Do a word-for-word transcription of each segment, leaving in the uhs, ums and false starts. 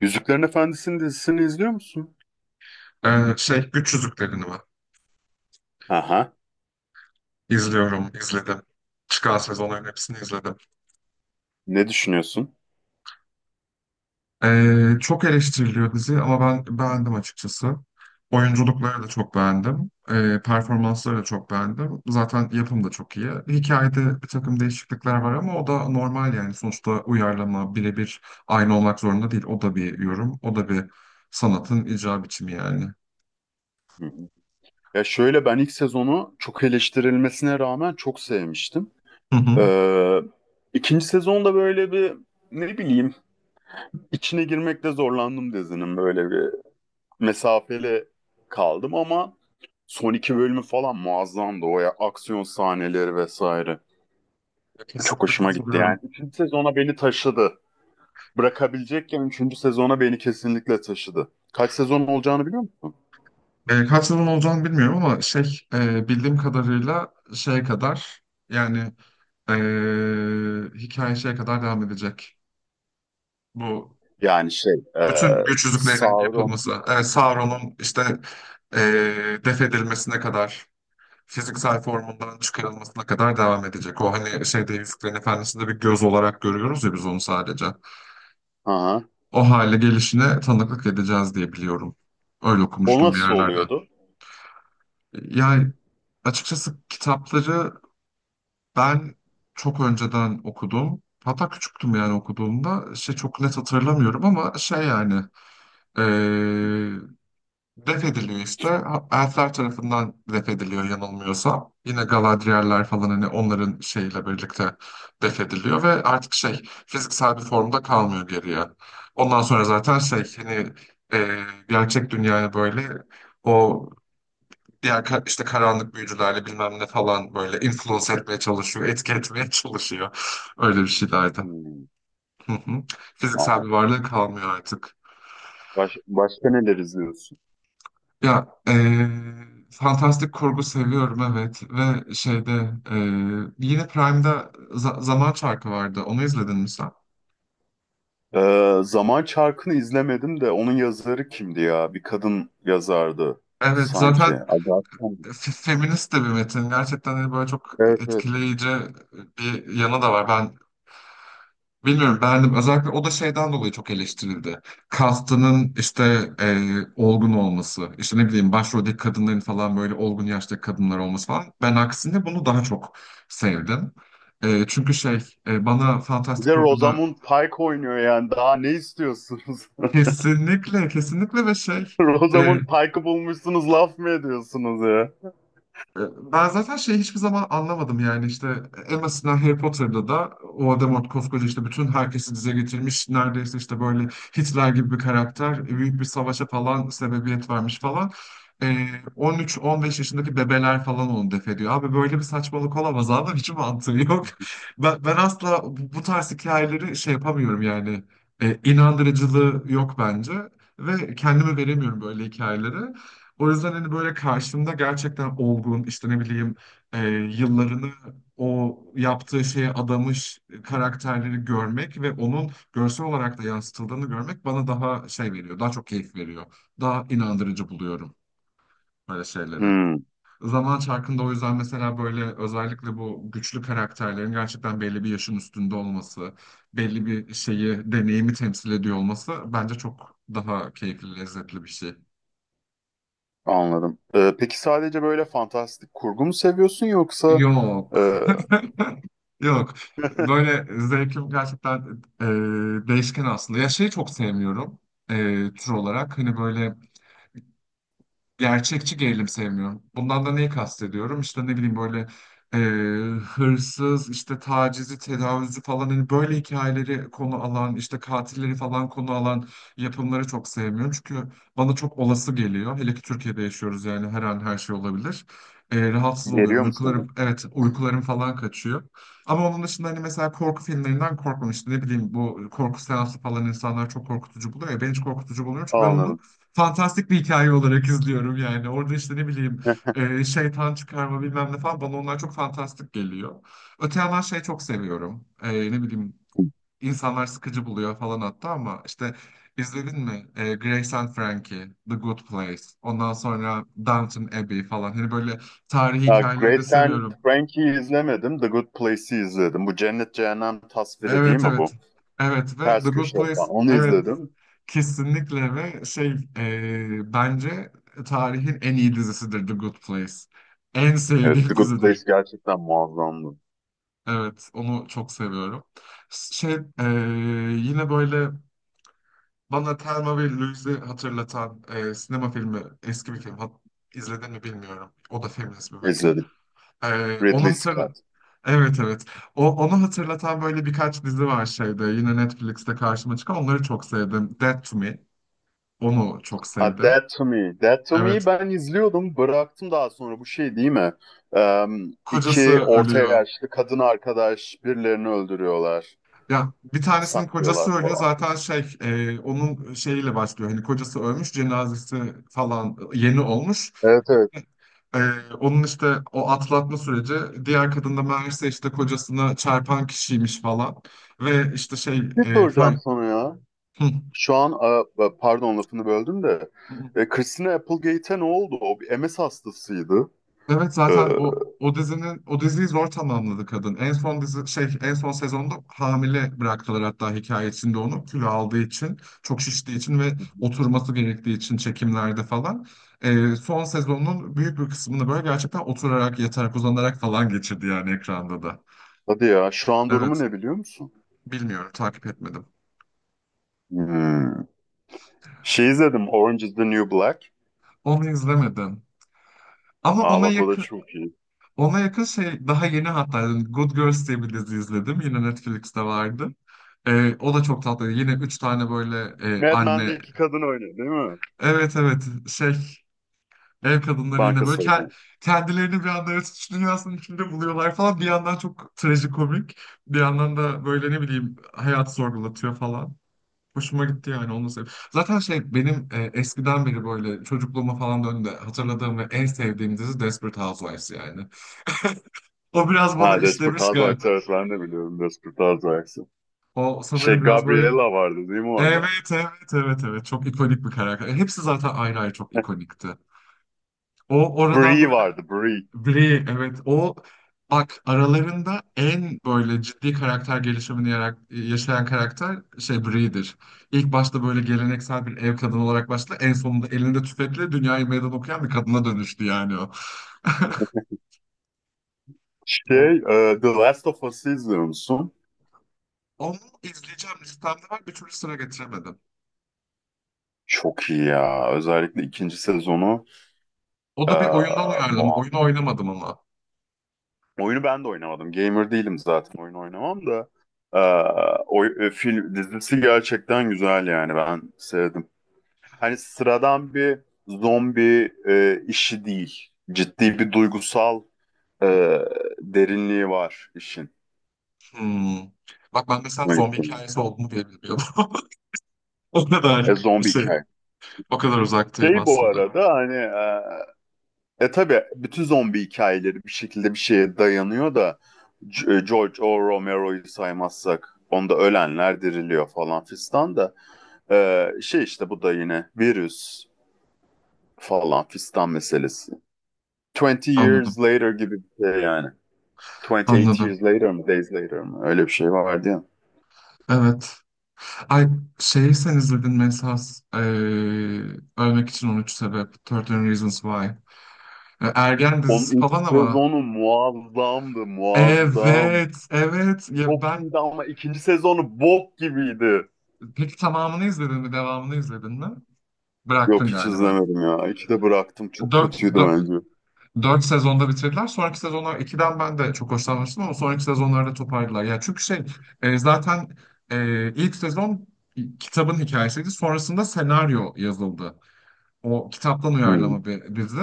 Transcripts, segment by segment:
Yüzüklerin Efendisi'nin dizisini izliyor musun? Ee, şey Güç Yüzüklerini var. Aha. İzliyorum, izledim. Çıkan sezonların hepsini izledim. Ne düşünüyorsun? Ee, çok eleştiriliyor dizi ama ben beğendim açıkçası. Oyunculukları da çok beğendim. Ee, performansları da çok beğendim. Zaten yapım da çok iyi. Hikayede bir takım değişiklikler var ama o da normal yani. Sonuçta uyarlama birebir aynı olmak zorunda değil. O da bir yorum, o da bir sanatın icra biçimi yani. Hı hı. Ya şöyle ben ilk sezonu çok eleştirilmesine rağmen çok sevmiştim. Hı hı. Ee, ikinci sezonda böyle bir ne bileyim içine girmekte zorlandım dizinin böyle bir mesafeli kaldım ama son iki bölümü falan muazzamdı o ya aksiyon sahneleri vesaire. Çok Kesinlikle hoşuma gitti katılıyorum. yani. Üçüncü sezona beni taşıdı. Bırakabilecekken üçüncü sezona beni kesinlikle taşıdı. Kaç sezon olacağını biliyor musun? E, kaç yılın olacağını bilmiyorum ama şey e, bildiğim kadarıyla şeye kadar yani, e, hikaye şeye kadar devam edecek. Bu Yani şey, e, bütün güç yüzüklerinin Sauron. yapılması, e, Sauron'un işte e, def edilmesine kadar, fiziksel formundan çıkarılmasına kadar devam edecek. O hani şeyde Yüzüklerin Efendisi'nde bir göz olarak görüyoruz ya biz onu sadece. Aha. O hale gelişine tanıklık edeceğiz diye biliyorum. Öyle O okumuştum bir nasıl yerlerde. oluyordu? Yani açıkçası kitapları ben çok önceden okudum. Hatta küçüktüm yani okuduğumda. Şey, çok net hatırlamıyorum ama şey yani eee def ediliyor işte. Ha- Elfler tarafından def ediliyor yanılmıyorsam. Yine Galadriel'ler falan hani onların şeyiyle birlikte def ediliyor ve artık şey fiziksel bir formda kalmıyor geriye. Ondan sonra zaten şey hani, eee, gerçek dünyaya böyle o diğer ka- işte karanlık büyücülerle bilmem ne falan böyle influence etmeye çalışıyor, etki etmeye çalışıyor. Öyle bir şeylerdi. Hmm, Hı hı. Fiziksel ama bir varlığı kalmıyor artık. baş, başka neler izliyorsun? Ya eee, fantastik kurgu seviyorum, evet, ve şeyde, eee, yine Prime'da za- Zaman Çarkı vardı. Onu izledin mi sen? E, Zaman Çarkı'nı izlemedim de onun yazarı kimdi ya? Bir kadın yazardı Evet, sanki. zaten Agatha mı? f- feminist de bir metin. Gerçekten hani böyle çok Evet, evet. etkileyici bir yanı da var. Ben bilmiyorum, beğendim. Özellikle o da şeyden dolayı çok eleştirildi. Kastının işte e, olgun olması, işte ne bileyim başroldeki kadınların falan böyle olgun yaştaki kadınlar olması falan. Ben aksine bunu daha çok sevdim. E, çünkü şey, e, bana Bir Fantastik de Korku'da Rosamund Pike oynuyor yani. Daha ne istiyorsunuz? kesinlikle, kesinlikle ve şey, e, Rosamund Pike'ı bulmuşsunuz laf mı ediyorsunuz ya? E, ben zaten şeyi hiçbir zaman anlamadım yani işte, e, en basitinden Harry Potter'da da Voldemort koskoca işte bütün herkesi dize getirmiş neredeyse, işte böyle Hitler gibi bir karakter, e, büyük bir savaşa falan sebebiyet vermiş falan. E, on üç on beş yaşındaki bebeler falan onu def ediyor. Abi böyle bir saçmalık olamaz abi hiç mantığı yok. Ben, ben asla bu, bu tarz hikayeleri şey yapamıyorum yani. E, inandırıcılığı yok bence ve kendimi veremiyorum böyle hikayelere. O yüzden hani böyle karşımda gerçekten olgun, işte ne bileyim, e, yıllarını o yaptığı şeye adamış karakterleri görmek ve onun görsel olarak da yansıtıldığını görmek bana daha şey veriyor, daha çok keyif veriyor. Daha inandırıcı buluyorum böyle şeyleri. Hmm, Zaman Çarkı'nda o yüzden mesela böyle özellikle bu güçlü karakterlerin gerçekten belli bir yaşın üstünde olması, belli bir şeyi, deneyimi temsil ediyor olması bence çok daha keyifli, lezzetli bir şey. anladım. E, peki sadece böyle fantastik kurgu mu seviyorsun yoksa Yok. e, Yok. Böyle zevkim gerçekten e, değişken aslında. Ya şeyi çok sevmiyorum e, tür olarak. Hani böyle gerçekçi gerilim sevmiyorum. Bundan da neyi kastediyorum? İşte ne bileyim böyle, e, hırsız, işte tacizi, tecavüzü falan hani böyle hikayeleri konu alan, işte katilleri falan konu alan yapımları çok sevmiyorum. Çünkü bana çok olası geliyor. Hele ki Türkiye'de yaşıyoruz yani, her an her şey olabilir. E, rahatsız oluyorum. Geliyor mu sana? Uykularım, evet, Hı. uykularım falan kaçıyor. Ama onun dışında hani mesela korku filmlerinden korkmamıştım. Ne bileyim, bu korku seansı falan insanlar çok korkutucu buluyor ya. Ben hiç korkutucu bulmuyorum çünkü ben onu Anladım. fantastik bir hikaye olarak izliyorum yani. Orada işte ne bileyim, e, şeytan çıkarma bilmem ne falan, bana onlar çok fantastik geliyor. Öte yandan şey çok seviyorum. E, ne bileyim, insanlar sıkıcı buluyor falan hatta ama işte izledin mi? E, Grace and Frankie, The Good Place, ondan sonra Downton Abbey falan. Hani böyle tarihi Ha, hikayeleri de Grace and seviyorum. Frankie'yi izlemedim. The Good Place'i izledim. Bu cennet cehennem tasviri değil Evet, mi evet. bu? Evet, ve The Ters Good köşe Place, falan. Onu evet, izledim. kesinlikle ve şey, e, bence tarihin en iyi dizisidir The Good Place. En Evet, sevdiğim The Good Place dizidir. gerçekten muazzamdı. Evet, onu çok seviyorum. Şey, e, yine böyle bana Thelma ve Louise'i hatırlatan, e, sinema filmi, eski bir film. Hat izledin mi bilmiyorum. O da feminist bir metin. İzledim. E, onu Ridley hatırla. Scott. Evet, evet. O, onu hatırlatan böyle birkaç dizi var şeyde. Yine Netflix'te karşıma çıkan. Onları çok sevdim. Dead to Me. Onu çok Ha, sevdim. Dead to Me. Dead to Evet. Me'yi ben izliyordum. Bıraktım daha sonra. Bu şey değil mi? Eee Kocası iki orta ölüyor. yaşlı kadın arkadaş birilerini öldürüyorlar. Ya bir tanesinin kocası Saklıyorlar ölüyor falan. zaten şey, e, onun şeyiyle başlıyor. Hani kocası ölmüş, cenazesi falan yeni olmuş. Evet, evet. E, Onun işte o atlatma süreci, diğer kadın da meğerse işte kocasına çarpan kişiymiş falan. Ve işte şey, Bir e, soracağım far- sana ya. Şu an a- pardon lafını böldüm de hı. e, Christina Applegate'e ne oldu? O bir M S hastasıydı. Evet E, zaten o o dizinin o diziyi zor tamamladı kadın. En son dizi şey en son sezonda hamile bıraktılar hatta hikaye içinde, onu kilo aldığı için, çok şiştiği için ve oturması gerektiği için çekimlerde falan. Ee, son sezonun büyük bir kısmını böyle gerçekten oturarak, yatarak, uzanarak falan geçirdi yani ekranda da. hadi ya şu an durumu Evet, ne biliyor musun? bilmiyorum, takip etmedim. Hmm. Şey izledim Orange is the New Black. Onu izlemedim. Ama Aa ona bak o da yakın, çok iyi. ona yakın şey daha yeni hatta yani, Good Girls diye bir dizi izledim. Yine Netflix'te vardı. Ee, o da çok tatlı. Yine üç tane böyle e, Mad anne. Men'deki kadın oynuyor değil mi? Evet, evet, şey ev kadınları yine Banka böyle, ke- soygun. kendilerini bir anda yaratıcı dünyasının içinde buluyorlar falan. Bir yandan çok trajikomik. Bir yandan da böyle ne bileyim hayat sorgulatıyor falan. Hoşuma gitti yani onu sev. Zaten şey benim, e, eskiden beri böyle çocukluğuma falan döndüğümde hatırladığım ve en sevdiğim dizi Desperate Housewives yani. O biraz bana Ha, Desperate işlemiş, Housewives, evet ben de biliyorum Desperate Housewives'ı. o Şey sanırım biraz böyle, Gabriella vardı değil mi orada? evet, evet, evet, evet, çok ikonik bir karakter. E, Hepsi zaten ayrı ayrı çok ikonikti. O oradan Brie böyle vardı, Brie. Bri, evet, o, bak aralarında en böyle ciddi karakter gelişimini yarak- yaşayan karakter şey Bri'dir. İlk başta böyle geleneksel bir ev kadını olarak başladı. En sonunda elinde tüfekle dünyayı meydan okuyan bir kadına dönüştü yani o. O, Şey e, The Last of Us'ı izliyor musun? onu izleyeceğim listemde var, bir türlü sıra getiremedim. Çok iyi ya. Özellikle ikinci sezonu. O da bir oyundan Ee, uyarlama. Oyunu Muhakkak. oynamadım ama. Oyunu ben de oynamadım. Gamer değilim zaten. Oyun oynamam da. Ee, oy- e, film dizisi gerçekten güzel yani. Ben sevdim. Hani sıradan bir zombi e, işi değil. Ciddi bir duygusal e, derinliği var işin. Hmm. Bak ben mesela Hoşuma zombi gitti. hikayesi olduğunu bile bilmiyordum. O kadar E, zombi şey, hikaye. o kadar uzaktayım Şey bu aslında. arada hani E tabii bütün zombi hikayeleri bir şekilde bir şeye dayanıyor da C- e, George O. Romero'yu saymazsak onda ölenler diriliyor falan fistan da e, şey işte bu da yine virüs falan fistan meselesi. twenty Anladım, years later gibi bir şey yani. twenty eight anladım. years later mı, days later mı? Öyle bir şey vardı ya. Evet. Ay, şeyi sen izledin mi esas, eee, Ölmek için on üç sebep. on üç Reasons Why. E, Ergen Onun dizisi ilk falan ama. sezonu muazzamdı, muazzam. Evet, evet. Ya Çok ben, iyiydi ama ikinci sezonu bok gibiydi. peki tamamını izledin mi? Devamını izledin mi? Bıraktın Yok, hiç galiba. izlemedim ya. İki de bıraktım. Çok Dört, kötüydü dört, bence. dört sezonda bitirdiler. Sonraki sezonlar ikiden ben de çok hoşlanmıştım ama sonraki sezonlarda toparladılar. Ya çünkü şey, e, zaten, e, ilk sezon kitabın hikayesiydi. Sonrasında senaryo yazıldı. O kitaptan Hmm. uyarlama bir dizi.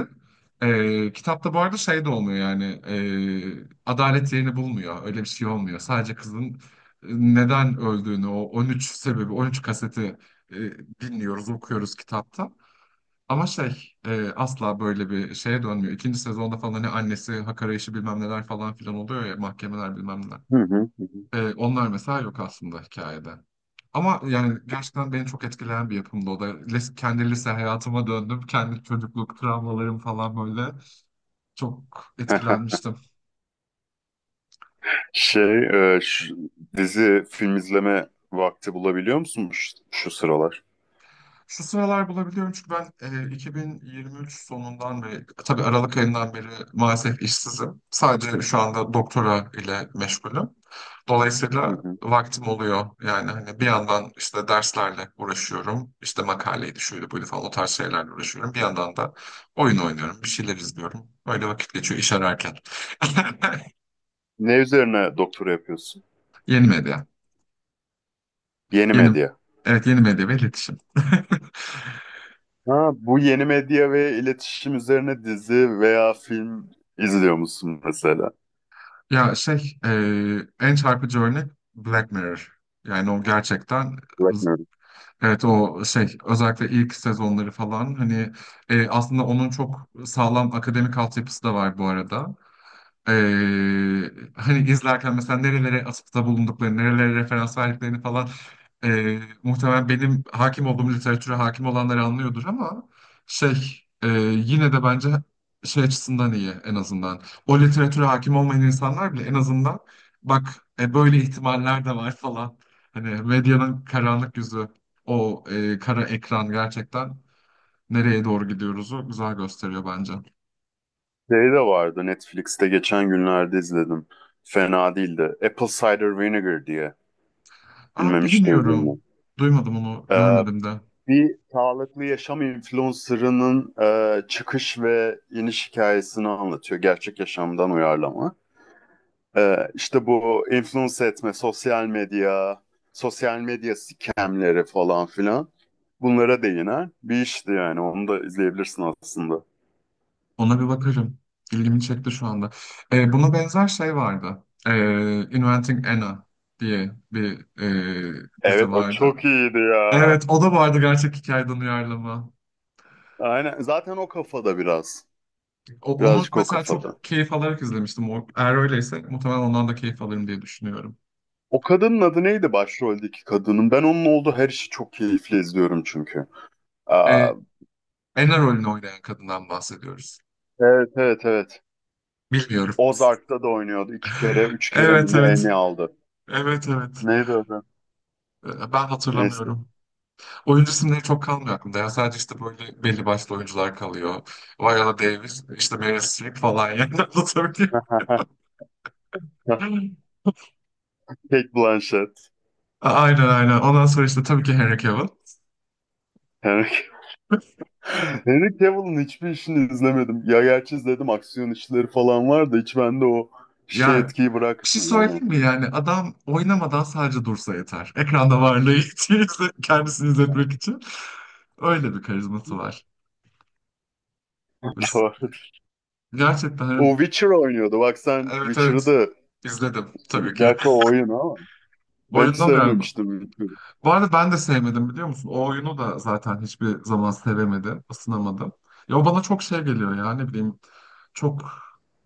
Ee, kitapta bu arada şey de olmuyor yani, e, adalet yerini bulmuyor. Öyle bir şey olmuyor. Sadece kızın neden öldüğünü, o on üç sebebi, on üç kaseti e, dinliyoruz, okuyoruz kitapta. Ama şey, e, asla böyle bir şeye dönmüyor. İkinci sezonda falan hani annesi hak arayışı bilmem neler falan filan oluyor ya, mahkemeler bilmem neler. Hı hı hı. Ee, onlar mesela yok aslında hikayede. Ama yani gerçekten beni çok etkileyen bir yapımdı o da. Lis- kendi lise hayatıma döndüm. Kendi çocukluk travmalarım falan böyle. Çok Hı. etkilenmiştim. Şey, e, şu dizi film izleme vakti bulabiliyor musun şu, şu sıralar? Şu sıralar bulabiliyorum çünkü ben, e, iki bin yirmi üç sonundan beri, tabii Aralık ayından beri maalesef işsizim. Sadece şu anda doktora ile meşgulüm. Hı Dolayısıyla hı. vaktim oluyor. Yani hani bir yandan işte derslerle uğraşıyorum. İşte makaleydi şöyle böyle falan o tarz şeylerle uğraşıyorum. Bir yandan da oyun oynuyorum, bir şeyler izliyorum. Öyle vakit geçiyor iş ararken. Ne üzerine doktora yapıyorsun? Yeni medya. Yeni Yeni, medya. evet, yeni medya ve iletişim. Ha, bu yeni medya ve iletişim üzerine dizi veya film izliyor musun mesela? Ya şey, eee, en çarpıcı örnek Black Mirror. Yani o gerçekten, Bakmıyorum. evet, o şey özellikle ilk sezonları falan hani, e, aslında onun çok sağlam akademik altyapısı da var bu arada. Ee, Hani izlerken mesela nerelere atıfta bulunduklarını, nerelere referans verdiklerini falan, ee, muhtemelen benim hakim olduğum literatüre hakim olanları anlıyordur ama şey, ee, yine de bence şey açısından iyi en azından. O literatüre hakim olmayan insanlar bile en azından bak, e, böyle ihtimaller de var falan. Hani medyanın karanlık yüzü, o ee, kara ekran gerçekten nereye doğru gidiyoruzu güzel gösteriyor bence. Şey de vardı Netflix'te geçen günlerde izledim. Fena değildi. Apple Cider Vinegar diye. Aa, Bilmem hiç duydun bilmiyorum. mu? Duymadım onu, görmedim de. Bir sağlıklı yaşam influencer'ının e, çıkış ve iniş hikayesini anlatıyor. Gerçek yaşamdan uyarlama. E, işte bu influence etme, sosyal medya, sosyal medya scamleri falan filan. Bunlara değinen bir işti yani. Onu da izleyebilirsin aslında. Ona bir bakarım. İlgimi çekti şu anda. Ee, buna benzer şey vardı. Ee, Inventing Anna diye bir e, Evet, dizi o vardı. çok iyiydi ya. Evet, o da vardı, gerçek hikayeden uyarlama. Aynen. Zaten o kafada biraz. O- onu Birazcık o mesela çok kafada. keyif alarak izlemiştim. O, eğer öyleyse muhtemelen ondan da keyif alırım diye düşünüyorum. O kadının adı neydi başroldeki kadının? Ben onun olduğu her işi çok keyifli izliyorum çünkü. Aa, Ee, Anna rolünü oynayan kadından bahsediyoruz. evet evet evet. Bilmiyorum. Ozark'ta da oynuyordu. İki kere, üç kere mi Evet, ne evet. Emmy aldı. Evet, evet. Neydi adı? Ee, Ben Neyse. hatırlamıyorum. Oyuncu isimleri çok kalmıyor aklımda. Ya sadece işte böyle belli başlı oyuncular kalıyor. Viola Davis, işte Meryl Streep falan yani anlatabiliyor muyum? Kate Blanchett. Aynen, aynen. Ondan sonra işte tabii ki Henry Cavill. Henry Henry Cavill'ın hiçbir işini izlemedim. Ya gerçi izledim aksiyon işleri falan var da hiç bende o şey Yani etkiyi bir şey bırakmıyor. Yani. söyleyeyim mi yani, adam oynamadan sadece dursa yeter. Ekranda varlığı için, kendisini izletmek için. Öyle bir karizması var. Biz Doğru. O gerçekten, Witcher oynuyordu. Bak sen evet, Witcher'ı evet, da izledim tabii ki. gerçi o oyun ama ben hiç Oyundan mı yani? sevmemiştim Witcher'ı. Bu arada ben de sevmedim, biliyor musun? O oyunu da zaten hiçbir zaman sevemedim, ısınamadım. Ya o bana çok şey geliyor ya, ne bileyim. Çok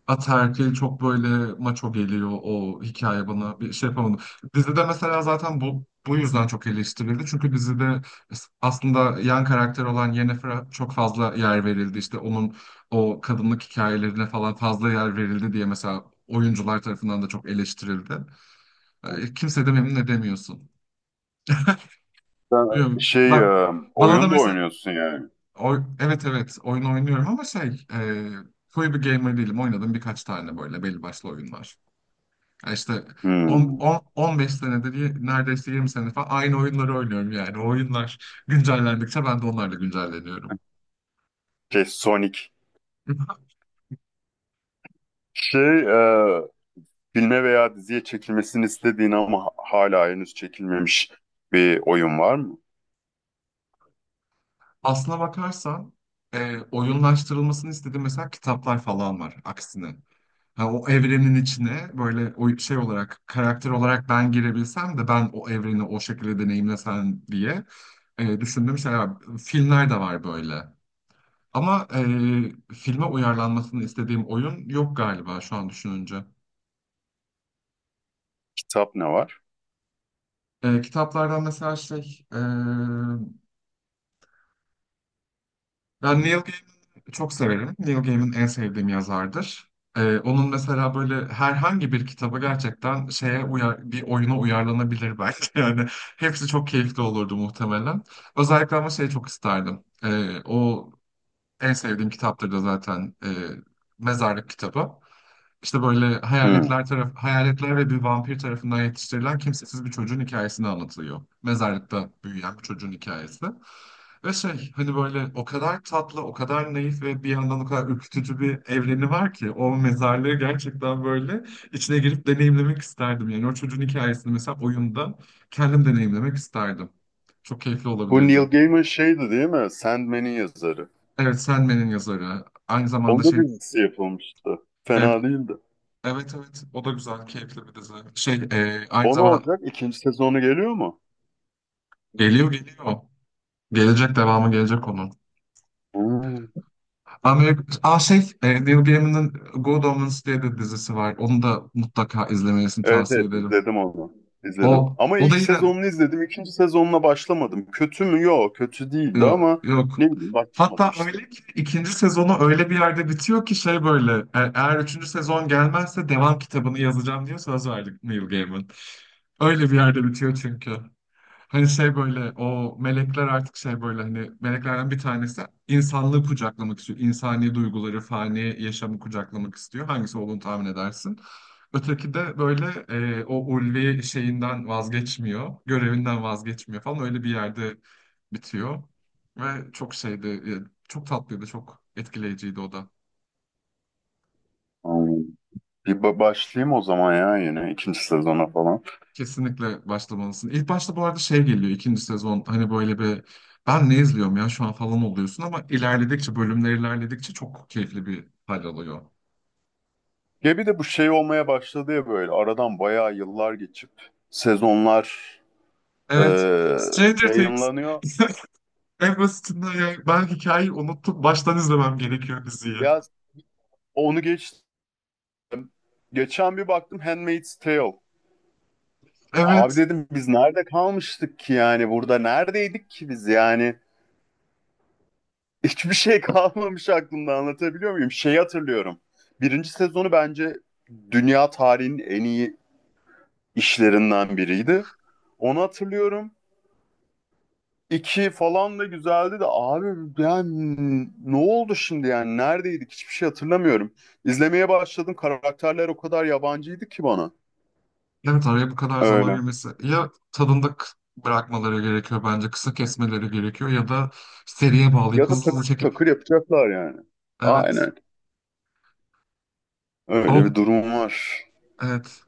ataerkil, çok böyle maço geliyor o hikaye bana, bir şey yapamadım. Dizide mesela zaten bu bu yüzden çok eleştirildi. Çünkü dizide aslında yan karakter olan Yennefer'a çok fazla yer verildi. İşte onun o kadınlık hikayelerine falan fazla yer verildi diye mesela oyuncular tarafından da çok eleştirildi. E, Kimse de memnun edemiyorsun. Sen Biliyorum. şey Ben, e, bana da oyun da mesela oynuyorsun yani. oy- evet, evet, oyun oynuyorum ama şey, e, koyu bir gamer değilim. Oynadım birkaç tane böyle belli başlı oyunlar. Ya işte 10, Hmm. 10, on beş senedir y- neredeyse yirmi sene falan aynı oyunları oynuyorum yani. O oyunlar güncellendikçe ben de onlarla güncelleniyorum. Şey Sonic. Şey e, filme veya diziye çekilmesini istediğin ama hala henüz çekilmemiş bir oyun var mı? Aslına bakarsan e, oyunlaştırılmasını istediğim mesela kitaplar falan var aksine. Ha, o evrenin içine böyle o şey olarak karakter olarak ben girebilsem de ben o evreni o şekilde deneyimlesem diye e, düşündüğüm şeyler var. Filmler de var böyle. Ama e, filme uyarlanmasını istediğim oyun yok galiba şu an düşününce. Kitap ne var? E, kitaplardan mesela şey e, ben Neil Gaiman'ı çok severim. Neil Gaiman en sevdiğim yazardır. Ee, onun mesela böyle herhangi bir kitabı gerçekten şeye uyar, bir oyuna uyarlanabilir belki. Yani hepsi çok keyifli olurdu muhtemelen. Özellikle ama şeyi çok isterdim. Ee, o en sevdiğim kitaptır da zaten e, mezarlık kitabı. İşte böyle Hmm. hayaletler taraf hayaletler ve bir vampir tarafından yetiştirilen kimsesiz bir çocuğun hikayesini anlatılıyor. Mezarlıkta büyüyen bir çocuğun hikayesi. Ve şey hani böyle o kadar tatlı, o kadar naif ve bir yandan o kadar ürkütücü bir evreni var ki o mezarlığı gerçekten böyle içine girip deneyimlemek isterdim. Yani o çocuğun hikayesini mesela oyunda kendim deneyimlemek isterdim. Çok keyifli Bu olabilirdi. Neil Gaiman şeydi değil mi? Sandman'in yazarı. Evet, Sandman'in yazarı. Aynı zamanda Onda şey. bir dizisi yapılmıştı. Evet, Fena değildi. evet, evet. O da güzel, keyifli bir dizi. Şey, e, aynı O ne zamanda. olacak? İkinci sezonu geliyor mu? Geliyor geliyor. Gelecek, devamı gelecek onun. Hmm. Amerika, Aa şey e, Neil Gaiman'ın Good Omens diye bir dizisi var. Onu da mutlaka izlemelisin, Evet, tavsiye evet ederim. izledim onu. İzledim. O, Ama o ilk da yine. sezonunu izledim. İkinci sezonuna başlamadım. Kötü mü? Yok, kötü değildi Yok, ama yok. ne bileyim başlamadım Hatta işte. öyle ki ikinci sezonu öyle bir yerde bitiyor ki şey böyle e- eğer üçüncü sezon gelmezse devam kitabını yazacağım diye söz verdi Neil Gaiman. Öyle bir yerde bitiyor çünkü. Hani şey böyle o melekler artık şey böyle hani meleklerden bir tanesi insanlığı kucaklamak istiyor. İnsani duyguları, fani yaşamı kucaklamak istiyor. Hangisi olduğunu tahmin edersin. Öteki de böyle e, o ulvi şeyinden vazgeçmiyor. Görevinden vazgeçmiyor falan, öyle bir yerde bitiyor. Ve çok şeydi, e, çok tatlıydı, çok etkileyiciydi o da. Hmm. Bir ba- başlayayım o zaman ya yine ikinci sezona falan. Kesinlikle başlamalısın. İlk başta bu arada şey geliyor, ikinci sezon hani böyle bir ben ne izliyorum ya şu an falan oluyorsun, ama ilerledikçe, bölümler ilerledikçe çok keyifli bir hal alıyor. Ya bir de bu şey olmaya başladı ya böyle aradan bayağı yıllar geçip sezonlar Evet, e, Stranger Things. yayınlanıyor. En basitinden ya ben hikayeyi unuttum, baştan izlemem gerekiyor diziyi. Ya onu geçtim. Geçen bir baktım Handmaid's Tale. Abi Evet, dedim biz nerede kalmıştık ki yani burada neredeydik ki biz yani hiçbir şey kalmamış aklımda anlatabiliyor muyum? Şeyi hatırlıyorum. Birinci sezonu bence dünya tarihinin en iyi işlerinden biriydi. Onu hatırlıyorum. İki falan da güzeldi de abi yani ne oldu şimdi yani neredeydik hiçbir şey hatırlamıyorum. İzlemeye başladım, karakterler o kadar yabancıydı ki bana. evet araya bu kadar zaman Öyle. girmesi. Ya tadında k- bırakmaları gerekiyor bence, kısa kesmeleri gerekiyor ya da seriye Ya bağlayıp da hızlı hızlı takır çekip. takır yapacaklar yani. Evet. Aynen. Öyle O bir durum var. evet.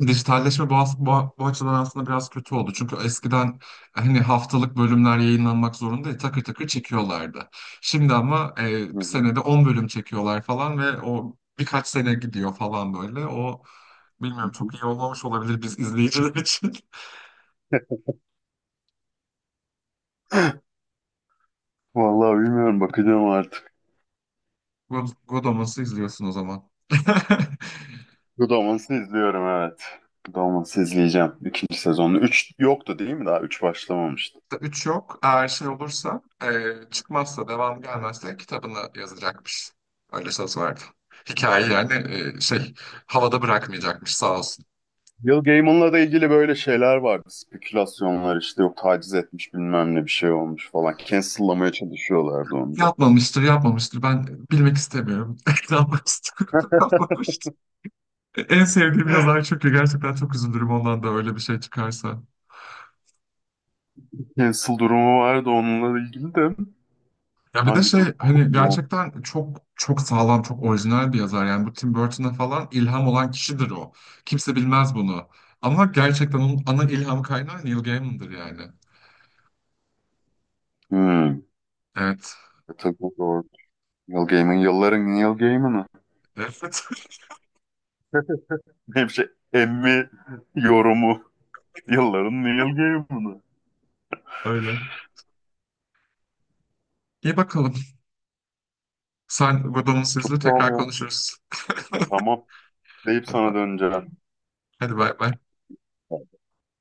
Dijitalleşme bu, as- bu, bu açıdan aslında biraz kötü oldu. Çünkü eskiden hani haftalık bölümler yayınlanmak zorunda takır takır çekiyorlardı. Şimdi ama e, bir Hı hı. senede on bölüm çekiyorlar falan ve o birkaç sene gidiyor falan böyle. O Hı bilmiyorum, hı. çok iyi olmamış olabilir biz izleyiciler için. Vallahi bilmiyorum, bakacağım artık. God- Godomas'ı izliyorsun o zaman. Godaman'sı izliyorum evet. Godaman'sı izleyeceğim. İkinci sezonu. Üç yoktu değil mi daha? Üç başlamamıştı. Üç yok. Eğer şey olursa, e, çıkmazsa, devam gelmezse kitabını yazacakmış. Öyle söz verdi. Hikaye yani e, şey havada bırakmayacakmış sağ olsun. Neil Gaiman'la da ilgili böyle şeyler vardı. Spekülasyonlar işte yok taciz etmiş bilmem ne bir şey olmuş falan. Cancel'lamaya çalışıyorlardı onu da. Yapmamıştır, yapmamıştır. Ben bilmek istemiyorum. Yapmamıştır, yapmamıştır. E, En sevdiğim yazar çünkü, gerçekten çok üzülürüm ondan da öyle bir şey çıkarsa. Cancel durumu vardı onunla ilgili de. Ya bir de Hangi şey dur... hani gerçekten çok çok sağlam, çok orijinal bir yazar. Yani bu Tim Burton'a falan ilham olan kişidir o. Kimse bilmez bunu. Ama gerçekten onun ana ilham kaynağı Neil Gaiman'dır yani. Hmm. Evet. E tabii o doğru. Neil Gaiman yılların Neil Gaiman'ı. Evet. Hep şey Emmy yorumu. Yılların Neil Gaiman'ı. Öyle. İyi bakalım. Sen Godomusuz'la Çok doğal tekrar ya. konuşuruz. Tamam. Deyip Hadi bay. sana döneceğim. Hadi bay bay.